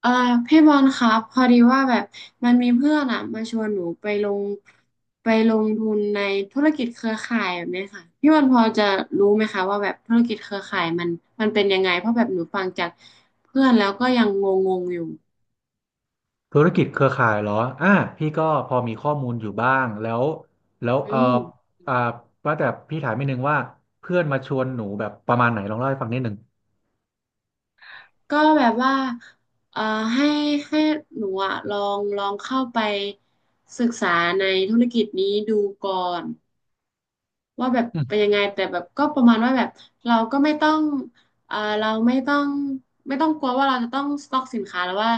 เอ่อพี่บอลครับพอดีว่าแบบมันมีเพื่อนอ่ะมาชวนหนูไปลงทุนในธุรกิจเครือข่ายแบบเนี้ยค่ะพี่บอลพอจะรู้ไหมคะว่าแบบธุรกิจเครือข่ายมันเป็นยังไงเพราะแบบหนูฟังจากเพื่อนแล้วก็ยังงงงอยู่ธุรกิจเครือข่ายเหรออ่าพี่ก็พอมีข้อมูลอยู่บ้างแล้วแล้วอืมอ่าว่าแต่พี่ถามนิดนึงว่าเพื่อนมาชวนหนูแบบประมาณไหนลองเล่าให้ฟังนิดนึงก็แบบว่าเอ่อให้ให้หนูอะลองเข้าไปศึกษาในธุรกิจนี้ดูก่อน ว่าแบบอืมเป็นยังไงแต่แบบก็ประมาณว่าแบบเราก็ไม่ต้องเราไม่ต้องกลัวว่าเราจะต้องสต็อกสินค้าแล้วว่า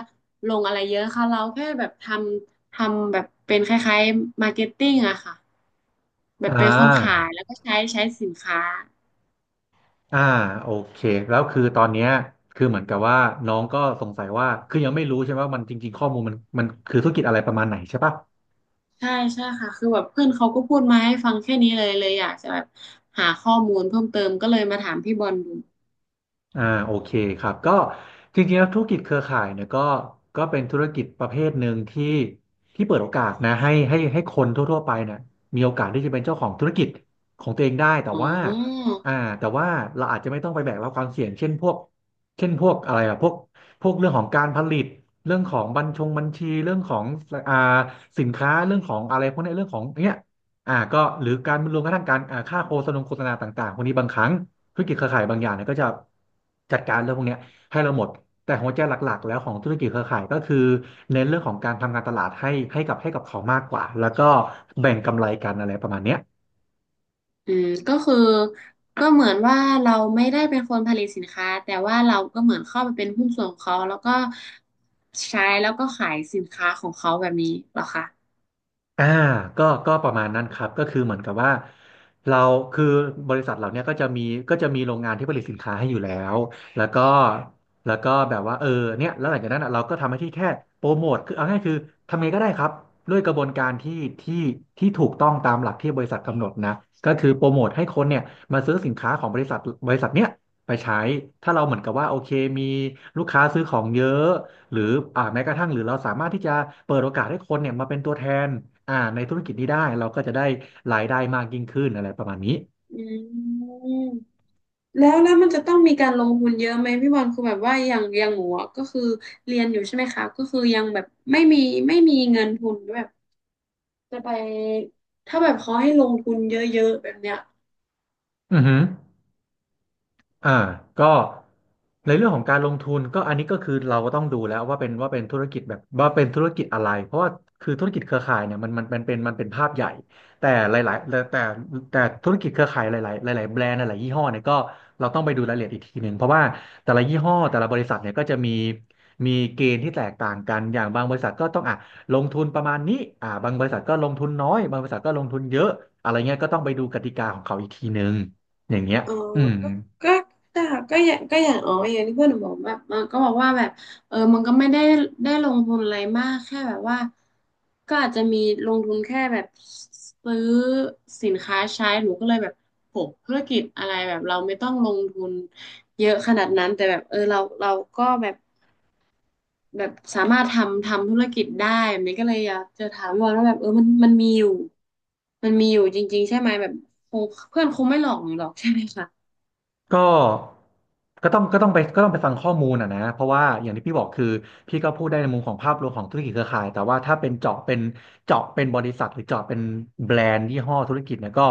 ลงอะไรเยอะค่ะเราแค่แบบทำแบบเป็นคล้ายๆมาร์เก็ตติ้งอะค่ะแบบอ่าเป็นคนขายแล้วก็ใช้สินค้าอ่าโอเคแล้วคือตอนเนี้ยคือเหมือนกับว่าน้องก็สงสัยว่า คือยังไม่รู้ใช่ไหมว่ามันจริงๆข้อมูลมันคือธุรกิจอะไรประมาณไหนใช่ปะ ใช่ใช่ค่ะคือแบบเพื่อนเขาก็พูดมาให้ฟังแค่นี้เลยอยากจะแบบหาข้อมูลเพิ่มเติมก็เลยมาถามพี่บอลดูโอเคครับก็จริงๆแล้วธุรกิจเครือข่ายเนี่ยก็เป็นธุรกิจประเภทหนึ่งที่เปิดโอกาสนะให้คนทั่วๆไปเนี่ยมีโอกาสที่จะเป็นเจ้าของธุรกิจของตัวเองได้แต่อ๋ว่าอ อ่าแต่ว่าเราอาจจะไม่ต้องไปแบกรับความเสี่ยงเช่นพวกอะไรอะพวกเรื่องของการผลิตเรื่องของบัญชีเรื่องของอ่าสินค้าเรื่องของอะไรพวกเนี้ยเรื่องของเนี้ยก็หรือการรวมกระทั่งการค่าโฆษณาต่างๆพวกนี้บางครั้ง ธุรกิจเครือข่ายบางอย่างเนี่ยก็จะจัดการเรื่องพวกเนี้ยให้เราหมด แต่หัวใจหลักๆแล้วของธุรกิจเครือข่ายก็คือเน้นเรื่องของการทำการตลาดให้ให้กับเขามากกว่าแล้วก็แบ่งกำไรกันอะไรประมาณเนี้ย อืมก็คือก็เหมือนว่าเราไม่ได้เป็นคนผลิตสินค้าแต่ว่าเราก็เหมือนเข้าไปเป็นหุ้นส่วนของเขาแล้วก็ใช้แล้วก็ขายสินค้าของเขาแบบนี้เหรอคะอ่าก็ประมาณนั้นครับก็คือเหมือนกับว่าเราคือบริษัทเราเนี่ยก็จะมีโรงงานที่ผลิตสินค้าให้อยู่แล้วแล้วก็แบบว่าเนี่ยแล้วหลังจากนั้นอะเราก็ทำหน้าที่แค่โปรโมทคือเอาง่ายคือทำไงก็ได้ครับด้วยกระบวนการที่ที่ถูกต้องตามหลักที่บริษัทกำหนดนะก็คือโปรโมทให้คนเนี่ยมาซื้อสินค้าของบริษัทบริษัทเนี่ยไปใช้ถ้าเราเหมือนกับว่าโอเคมีลูกค้าซื้อของเยอะ หรือแม้กระทั่งหรือเราสามารถที่จะเปิดโอกาสให้คนเนี่ยมาเป็นตัวแทนในธุรกิจนี้ได้เราก็จะได้รายได้มากยิ่งขึ้นอะไรประมาณนี้อืมแล้วมันจะต้องมีการลงทุนเยอะไหมพี่บอลคือแบบว่าอย่างหนูอะก็คือเรียนอยู่ใช่ไหมคะก็คือยังแบบไม่มีเงินทุนแบบจะไปถ้าแบบเขาให้ลงทุนเยอะๆแบบเนี้ย อือหือ อ่าก็ในเรื่องของการลงทุนก็อันนี้ก็คือเราก็ต้องดูแล้วว่าเป็นธุรกิจแบบว่าเป็นธุรกิจอะไรเพราะว่าคือธุรกิจเครือข่ายเนี่ยมันเป็นภาพใหญ่แต่หลายๆแต่ธุรกิจเครือข่ายหลายๆหลายๆแบรนด์หลายๆยี่ห้อเนี่ยก็เราต้องไปดูรายละเอียดอีกทีหนึ่งเพราะว่าแต่ละยี่ห้อแต่ละบริษัทเนี่ยก็จะมีมีเกณฑ์ที่แตกต่างกันอย่างบางบริษัทก็ต้องอ่ะลงทุนประมาณนี้บางบริษัทก็ลงทุนน้อยบางบริษัทก็ลงทุนเยอะอะไรเงี้ยก็ต้องไปดูกติกาของเขาอีกทีหนึ่งอย่างเงี้ยอ๋ออืม ก็ก็แต่ก็อย่างอ๋ออย่างที่เพื่อนหนูบอกแบบมันก็บอกว่าแบบเออมันก็ไม่ได้ได้ลงทุนอะไรมากแค่แบบว่าก็อาจจะมีลงทุนแค่แบบซื้อสินค้าใช้หนูก็เลยแบบโหธุรกิจอะไรแบบเราไม่ต้องลงทุนเยอะขนาดนั้น แต่แบบเออเราก็แบบแบบสามารถทำธุรกิจได้แบบนี้ก็เลยอยากจะถามว่าแล้วแบบเออมันมีอยู่จริงๆใช่ไหมแบบคงเพื่อนคงไม่หลอกหนูหรอกใช่ไหมคะ ก็ก็ต้องก็ต้องไปก็ต้องไปฟังข้อมูลอ่ะนะเพราะว่าอย่างที่พี่บอกคือพี่ก็พูดได้ในมุมของภาพรวมของธุรกิจเครือข่าย แต่ว่าถ้าเป็นเจาะเป็นบริษัทหรือเจาะเป็นแบรนด์ยี่ห้อธุรกิจเนี่ยก็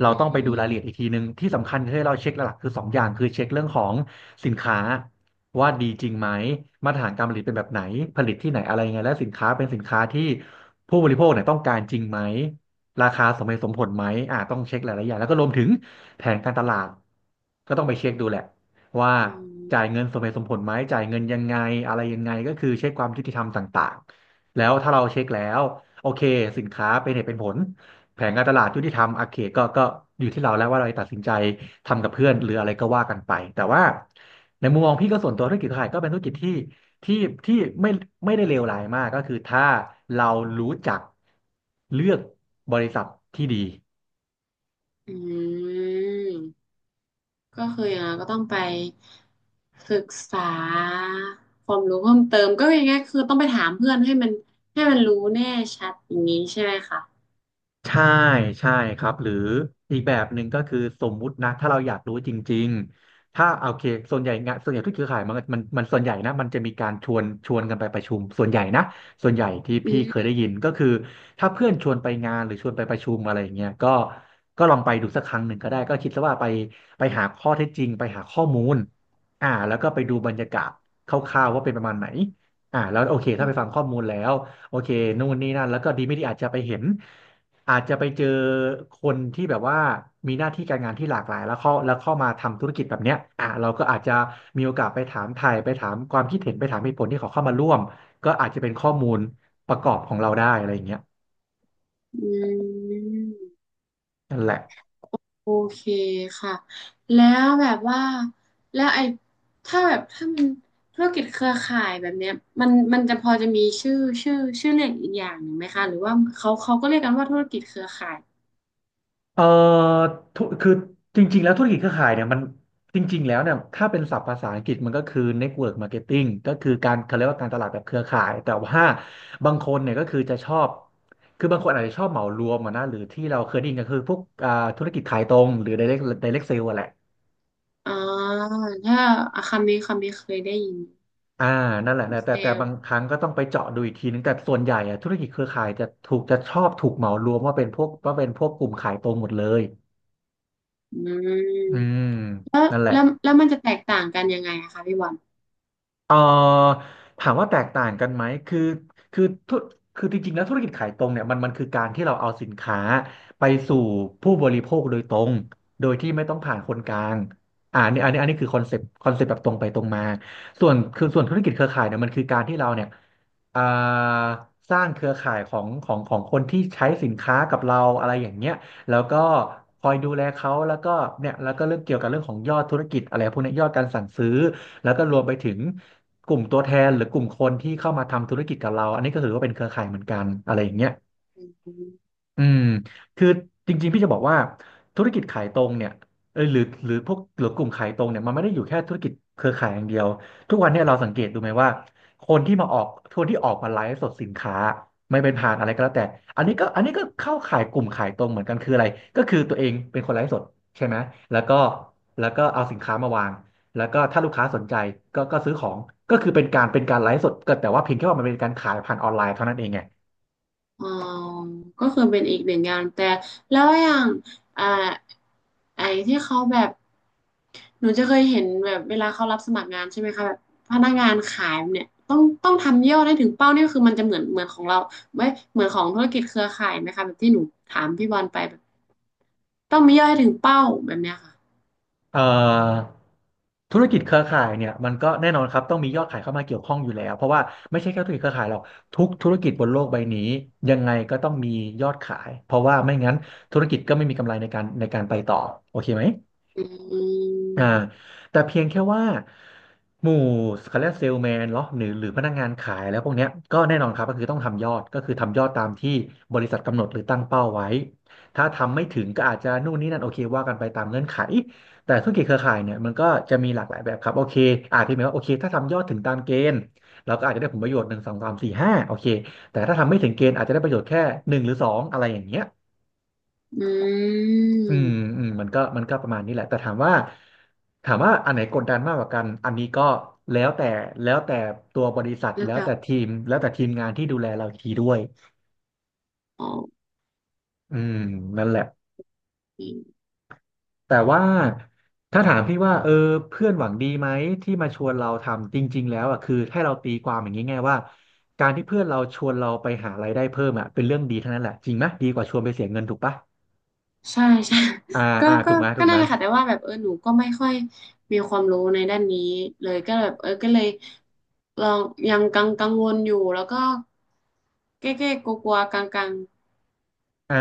เราอืต้องไปดูรายละเอียดอีกมทีนึงที่สำคัญที่เราเช็คหลักๆคือสองอย่างคือเช็คเรื่องของสินค้าว่าดีจริงไหมมาตรฐานการผลิตเป็นแบบไหนผลิตที่ไหนอะไรยังไงและสินค้าเป็นสินค้าที่ผู้บริโภคเนี่ยต้องการจริงไหม ราคาสมเหตุสมผลไหมต้องเช็คหลายๆอย่างแล้วก็รวมถึงแผนการตลาดก็ต้องไปเช็คดูแหละว่าอืจ่ายมเงินสมเหตุสมผลไหมจ่ายเงินยังไงอะไรยังไงก็คือเช็คความยุติธรรมต่างๆแล้วถ้าเราเช็คแล้วโอเคสินค้าเป็นเหตุเป็นผลแผนการตลาดยุติธรรมโอเคก็อยู่ที่เราแล้วว่าเราจะตัดสินใจทำกับเพื่อนหรืออะไรก็ว่ากันไปแต่ว่าในมุมมองพี่ก็ส่วนตัวธุรกิจขายก็เป็นธุรกิจที่ ที่ที่ไม่ไม่ได้เลวร้ายมากก็คือถ้าเรารู้จักเลือกบริษัทที่ดี อืมก็คืออย่างนั้นก็ต้องไปศึกษาความรู้เพิ่มเติมก็อยางไงคือต้องไปถามเพื่อนให้มันให้มันรู้แน่ชัดอย่างนี้ใช่ไหมคะใช่ใช่ครับหรืออีกแบบหนึ่งก็คือสมมุตินะถ้าเราอยากรู้จริงๆถ้าโอเคส่วนใหญ่งานส่วนใหญ่ทุกเครือข่ายมันส่วนใหญ่นะมันจะมีการชวนกันไปประชุมส่วนใหญ่นะส่วนใหญ่ที่อืพี่เคยมได้ยินก็คือถ้าเพื่อนชวนไปงานหรือชวนไปประชุมอะไรอย่างเงี้ยก็ลองไปดูสักครั้งหนึ่งก็ได้ก็คิดซะว่าไปหาข้อเท็จจริงไปหาข้อมูลแล้วก็ไปดูบรรยากาศคร่าวๆว่าเป็นประมาณไหนแล้วโอเคอืถ้าไปฟังมข้อมูลแล้วโอเคนู่นนี่นั่นแล้วก็ดีไม่ดีอาจจะไปเห็น อาจจะไปเจอคนที่แบบว่ามีหน้าที่การงานที่หลากหลายแล้วเข้ามาทำธุรกิจแบบเนี้ยอ่ะเราก็อาจจะมีโอกาสไปถามความคิดเห็นไปถามเหตุผลที่เขาเข้ามาร่วมก็อาจจะเป็นข้อมูลประกอบของเราได้อะไรอย่างเงี้ยอืมนั่นแหละ โอเคค่ะแล้วแบบว่าแล้วไอ้ถ้าแบบถ้ามันธุรกิจเครือข่ายแบบเนี้ยมันจะพอจะมีชื่อเรียกอีกอย่างหนึ่งไหมคะหรือว่าเขาก็เรียกกันว่าธุรกิจเครือข่าย เอ่อคือจริงๆแล้วธุรกิจเครือข่ายเนี่ยมันจริงๆแล้วเนี่ยถ้าเป็นศัพท์ภาษาอังกฤษมันก็คือ network marketing ก็คือการเขาเรียกว่าการตลาดแบบเครือข่ายแต่ว่าบางคนเนี่ยก็คือจะชอบคือบางคนอาจจะชอบเหมารวมอะนะหรือที่เราเคยได้ยินก็คือพวกธุรกิจขายตรงหรือ direct sale อะแหละอ่าถ้าอาคาเมเคยได้ยินอ่านั่นแหละนะเซแต่ลบางล์ครั้งก็ต้องไปเจาะดูอีกทีนึงแต่ส่วนใหญ่อะธุรกิจเครือข่ายจะชอบถูกเหมารวมว่าเป็นพวกกลุ่มขายตรงหมดเลยอือืมมแล้วนั่นแหละ แล้วมันจะแตกต่างกันยังไงอะคะพี่บอลเอ่อถามว่าแตกต่างกันไหมคือคือธุคือจริงๆแล้วธุรกิจขายตรงเนี่ยมันคือการที่เราเอาสินค้าไปสู่ผู้บริโภคโดยตรงโดยที่ไม่ต้องผ่านคนกลางอันนี้คือคอนเซปต์แบบตรงไปตรงมาส่วนธุรกิจเครือข่ายเนี่ยมันคือการที่เราเนี่ยอ่าสร้างเครือข่ายของคนที่ใช้สินค้ากับเราอะไรอย่างเงี้ยแล้วก็คอยดูแลเขาแล้วก็เนี่ยแล้วก็เรื่องเกี่ยวกับเรื่องของยอดธุรกิจอะไรพวกเนี้ยยอดการสั่งซื้อ แล้วก็รวมไปถึงกลุ่มตัวแทนหรือกลุ่มคนที่เข้ามาทำธุรกิจกับเราอันนี้ก็ถือว่าเป็นเครือข่ายเหมือนกันอะไรอย่างเงี้ย อมอืมคือจริงๆพี่จะบอกว่าธุรกิจขายตรงเนี่ยเอยหรือหรือพวกหรือกลุ่มขายตรงเนี่ยมันไม่ได้อยู่แค่ธุรกิจเครือข่ายอย่างเดียวทุกวันเนี่ยเราสังเกตดูไหมว่าคนที่มาออกคนที่ออกมาไลฟ์สดสินค้าไม่เป็นผ่านอะไรก็แล้วแต่อันนี้ก็เข้าขายกลุ่มขายตรงเหมือนกันคืออะไรก็คือตัวเองเป็นคนไลฟ์สดใช่ไหมแล้วก็แล้วก็เอาสินค้ามาวางแล้วก็ถ้าลูกค้าสนใจก็ซื้อของก็คือเป็นการไลฟ์สดก็แต่ว่าเพียงแค่ว่ามันเป็นการขายผ่านออนไลน์เท่านั้นเองไง อ๋อก็คือเป็นอีกหนึ่งงานแต่แล้วอย่างอ่าไอ้ที่เขาแบบหนูจะเคยเห็นแบบเวลาเขารับสมัครงานใช่ไหมคะแบบพนักงานขายเนี่ยต้องทำยอดให้ถึงเป้าเนี่ยคือมันจะเหมือนของเราไว้ยเหมือนของธุรกิจเครือข่ายไหมคะแบบที่หนูถามพี่บอลไปแบบต้องมียอดให้ถึงเป้าแบบเนี้ยค่ะ เอ่อธุรกิจเครือข่ายเนี่ยมันก็แน่นอนครับต้องมียอดขายเข้ามาเกี่ยวข้องอยู่แล้วเพราะว่าไม่ใช่แค่ธุรกิจเครือข่ายหรอกทุกธุรกิจบนโลกใบนี้ยังไงก็ต้องมียอดขายเพราะว่าไม่งั้นธุรกิจก็ไม่มีกำไรในการไปต่อโอเคไหม อืมอ่าแต่เพียงแค่ว่าหมู่เขาเรียกเซลแมนเนาะหรือพนักงานขายแล้วพวกเนี้ยก็แน่นอนครับก็คือต้องทำยอดก็คือทำยอดตามที่บริษัทกำหนดหรือตั้งเป้าไว้ถ้าทำไม่ถึงก็อาจจะนู่นนี่นั่นโอเคว่ากันไปตามเงื่อนไขแต่ธุรกิจเครือข่ายเนี่ยมันก็จะมีหลากหลายแบบครับโอเคอาจจะหมายว่าโอเคถ้าทำยอดถึงตามเกณฑ์เราก็อาจจะได้ผลประโยชน์หนึ่งสองสามสี่ห้าโอเคแต่ถ้าทำไม่ถึงเกณฑ์อาจจะได้ประโยชน์แค่หนึ่งหรือสองอะไรอย่างเงี้ย อืมอืมอืมมันก็ประมาณนี้แหละแต่ถามว่าอันไหนกดดันมากกว่ากันอันนี้ก็แล้วแต่แล้วแต่ตัวบริษัทแล้วแล้วก็แต่ทีมแล้วแต่ทีมงานที่ดูแลเราอีกทีด้วยอ๋ออืมนั่นแหละแต่ว่าถ้าถามพี่ว่าเออเพื่อนหวังดีไหมที่มาชวนเราทำจริงๆแล้วอ่ะคือให้เราตีความอย่างนี้ไงว่าการที่เพื่อนเราชวนเราไปหารายได้เพิ่มอ่ะเป็นเรื่องดีทั้งนั้นแหละจริงไหมดีกว่าชวนไปเสียเงินถูกปะใช่ใช่ อ่า ก็อ่าก็ถูกไหมถูก็กไหนั่ม นแหละค่ะแต่ว่าแบบเออหนูก็ไม่ค่อยมีความรู้ในด้านนี้เลยก็แบบเออก็เลยลองยังกังวลอยู่แล้วก็เก้กลัวๆกลัวกลงกลงอ่า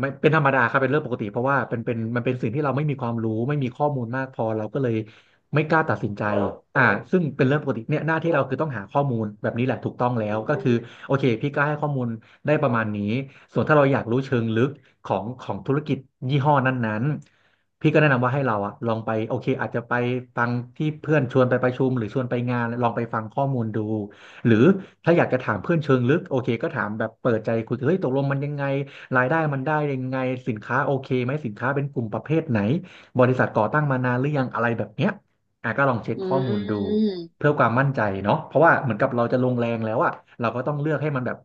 ไม่เป็นธรรมดาครับเป็นเรื่องปกติเพราะว่าเป็นมันเป็นสิ่งที่เราไม่มีความรู้ไม่มีข้อมูลมากพอเราก็เลยไม่กล้าตัดสินใจอ่าซึ่งเป็นเรื่องปกติเนี่ยหน้าที่เราคือต้องหาข้อมูลแบบนี้แหละถูกต้องแล้วก็คือโอเคพี่ก็ให้ข้อมูลได้ประมาณนี้ส่วนถ้าเราอยากรู้เชิงลึกของธุรกิจยี่ห้อนั้นๆพี่ก็แนะนำว่าให้เราอะลองไปโอเคอาจจะไปฟังที่เพื่อนชวนไปประชุมหรือชวนไปงานลองไปฟังข้อมูลดูหรือถ้าอยากจะถามเพื่อนเชิงลึกโอเคก็ถามแบบเปิดใจคุยเฮ้ยตกลงมันยังไง รายได้มันได้ยังไงสินค้าโอเคไหมสินค้าเป็นกลุ่มประเภทไหนบริษัทก่อตั้งมานานหรือยังอะไรแบบเนี้ยอ่ะก็ลองเช็คๆอืข้อมูลดูม เพื่อความมั่นใจเนาะเพราะว่าเหมือนกับเราจะลงแรงแล้วอะเราก็ต้องเลือกให้มันแบบ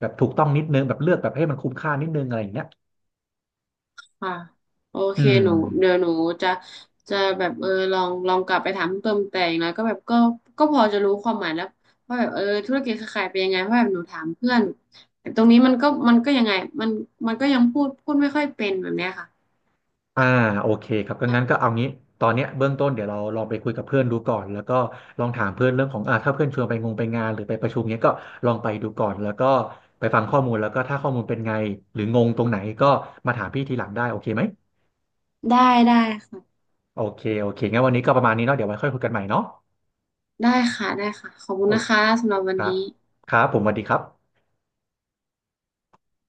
แบบถูกต้องนิดนึงแบบเลือกแบบให้มันคุ้มค่านิดนึงอะไรอย่างเงี้ยค่ะโอเคอืม หนูเดี๋ยวหนูจะจะแบบเออลองกลับไปถามเพิ่มแต่อย่างน้อยก็แบบก็พอจะรู้ความหมายแล้วว่าแบบเออธุรกิจเครือข่ายเป็นยังไงเพราะแบบหนูถามเพื่อนแต่ตรงนี้มันก็ยังไงมันมันก็ยังพูดไม่ค่อยเป็นแบบเนี้ยค่ะอ่าโอเคครับก็งั้นก็เอางี้ตอนเนี้ยเบื้องต้นเดี๋ยวเราลองไปคุยกับเพื่อนดูก่อนแล้วก็ลองถามเพื่อนเรื่องของถ้าเพื่อนชวนไปงงไปงานหรือไปประชุมเนี้ยก็ลองไปดูก่อนแล้วก็ไปฟังข้อมูลแล้วก็ถ้าข้อมูลเป็นไงหรืองงตรงไหนก็มาถามพี่ทีหลังได้โอเคไหมได้ได้ค่ะโอเคโอเคงั้นวันนี้ก็ประมาณนี้เนาะเดี๋ยวไว้ค่อยคุยกันใหม่เนาะได้ได้ค่ะขอบคุโอณเคนะคะสำหรับวันครันี้บครับผมสวัสดีครับ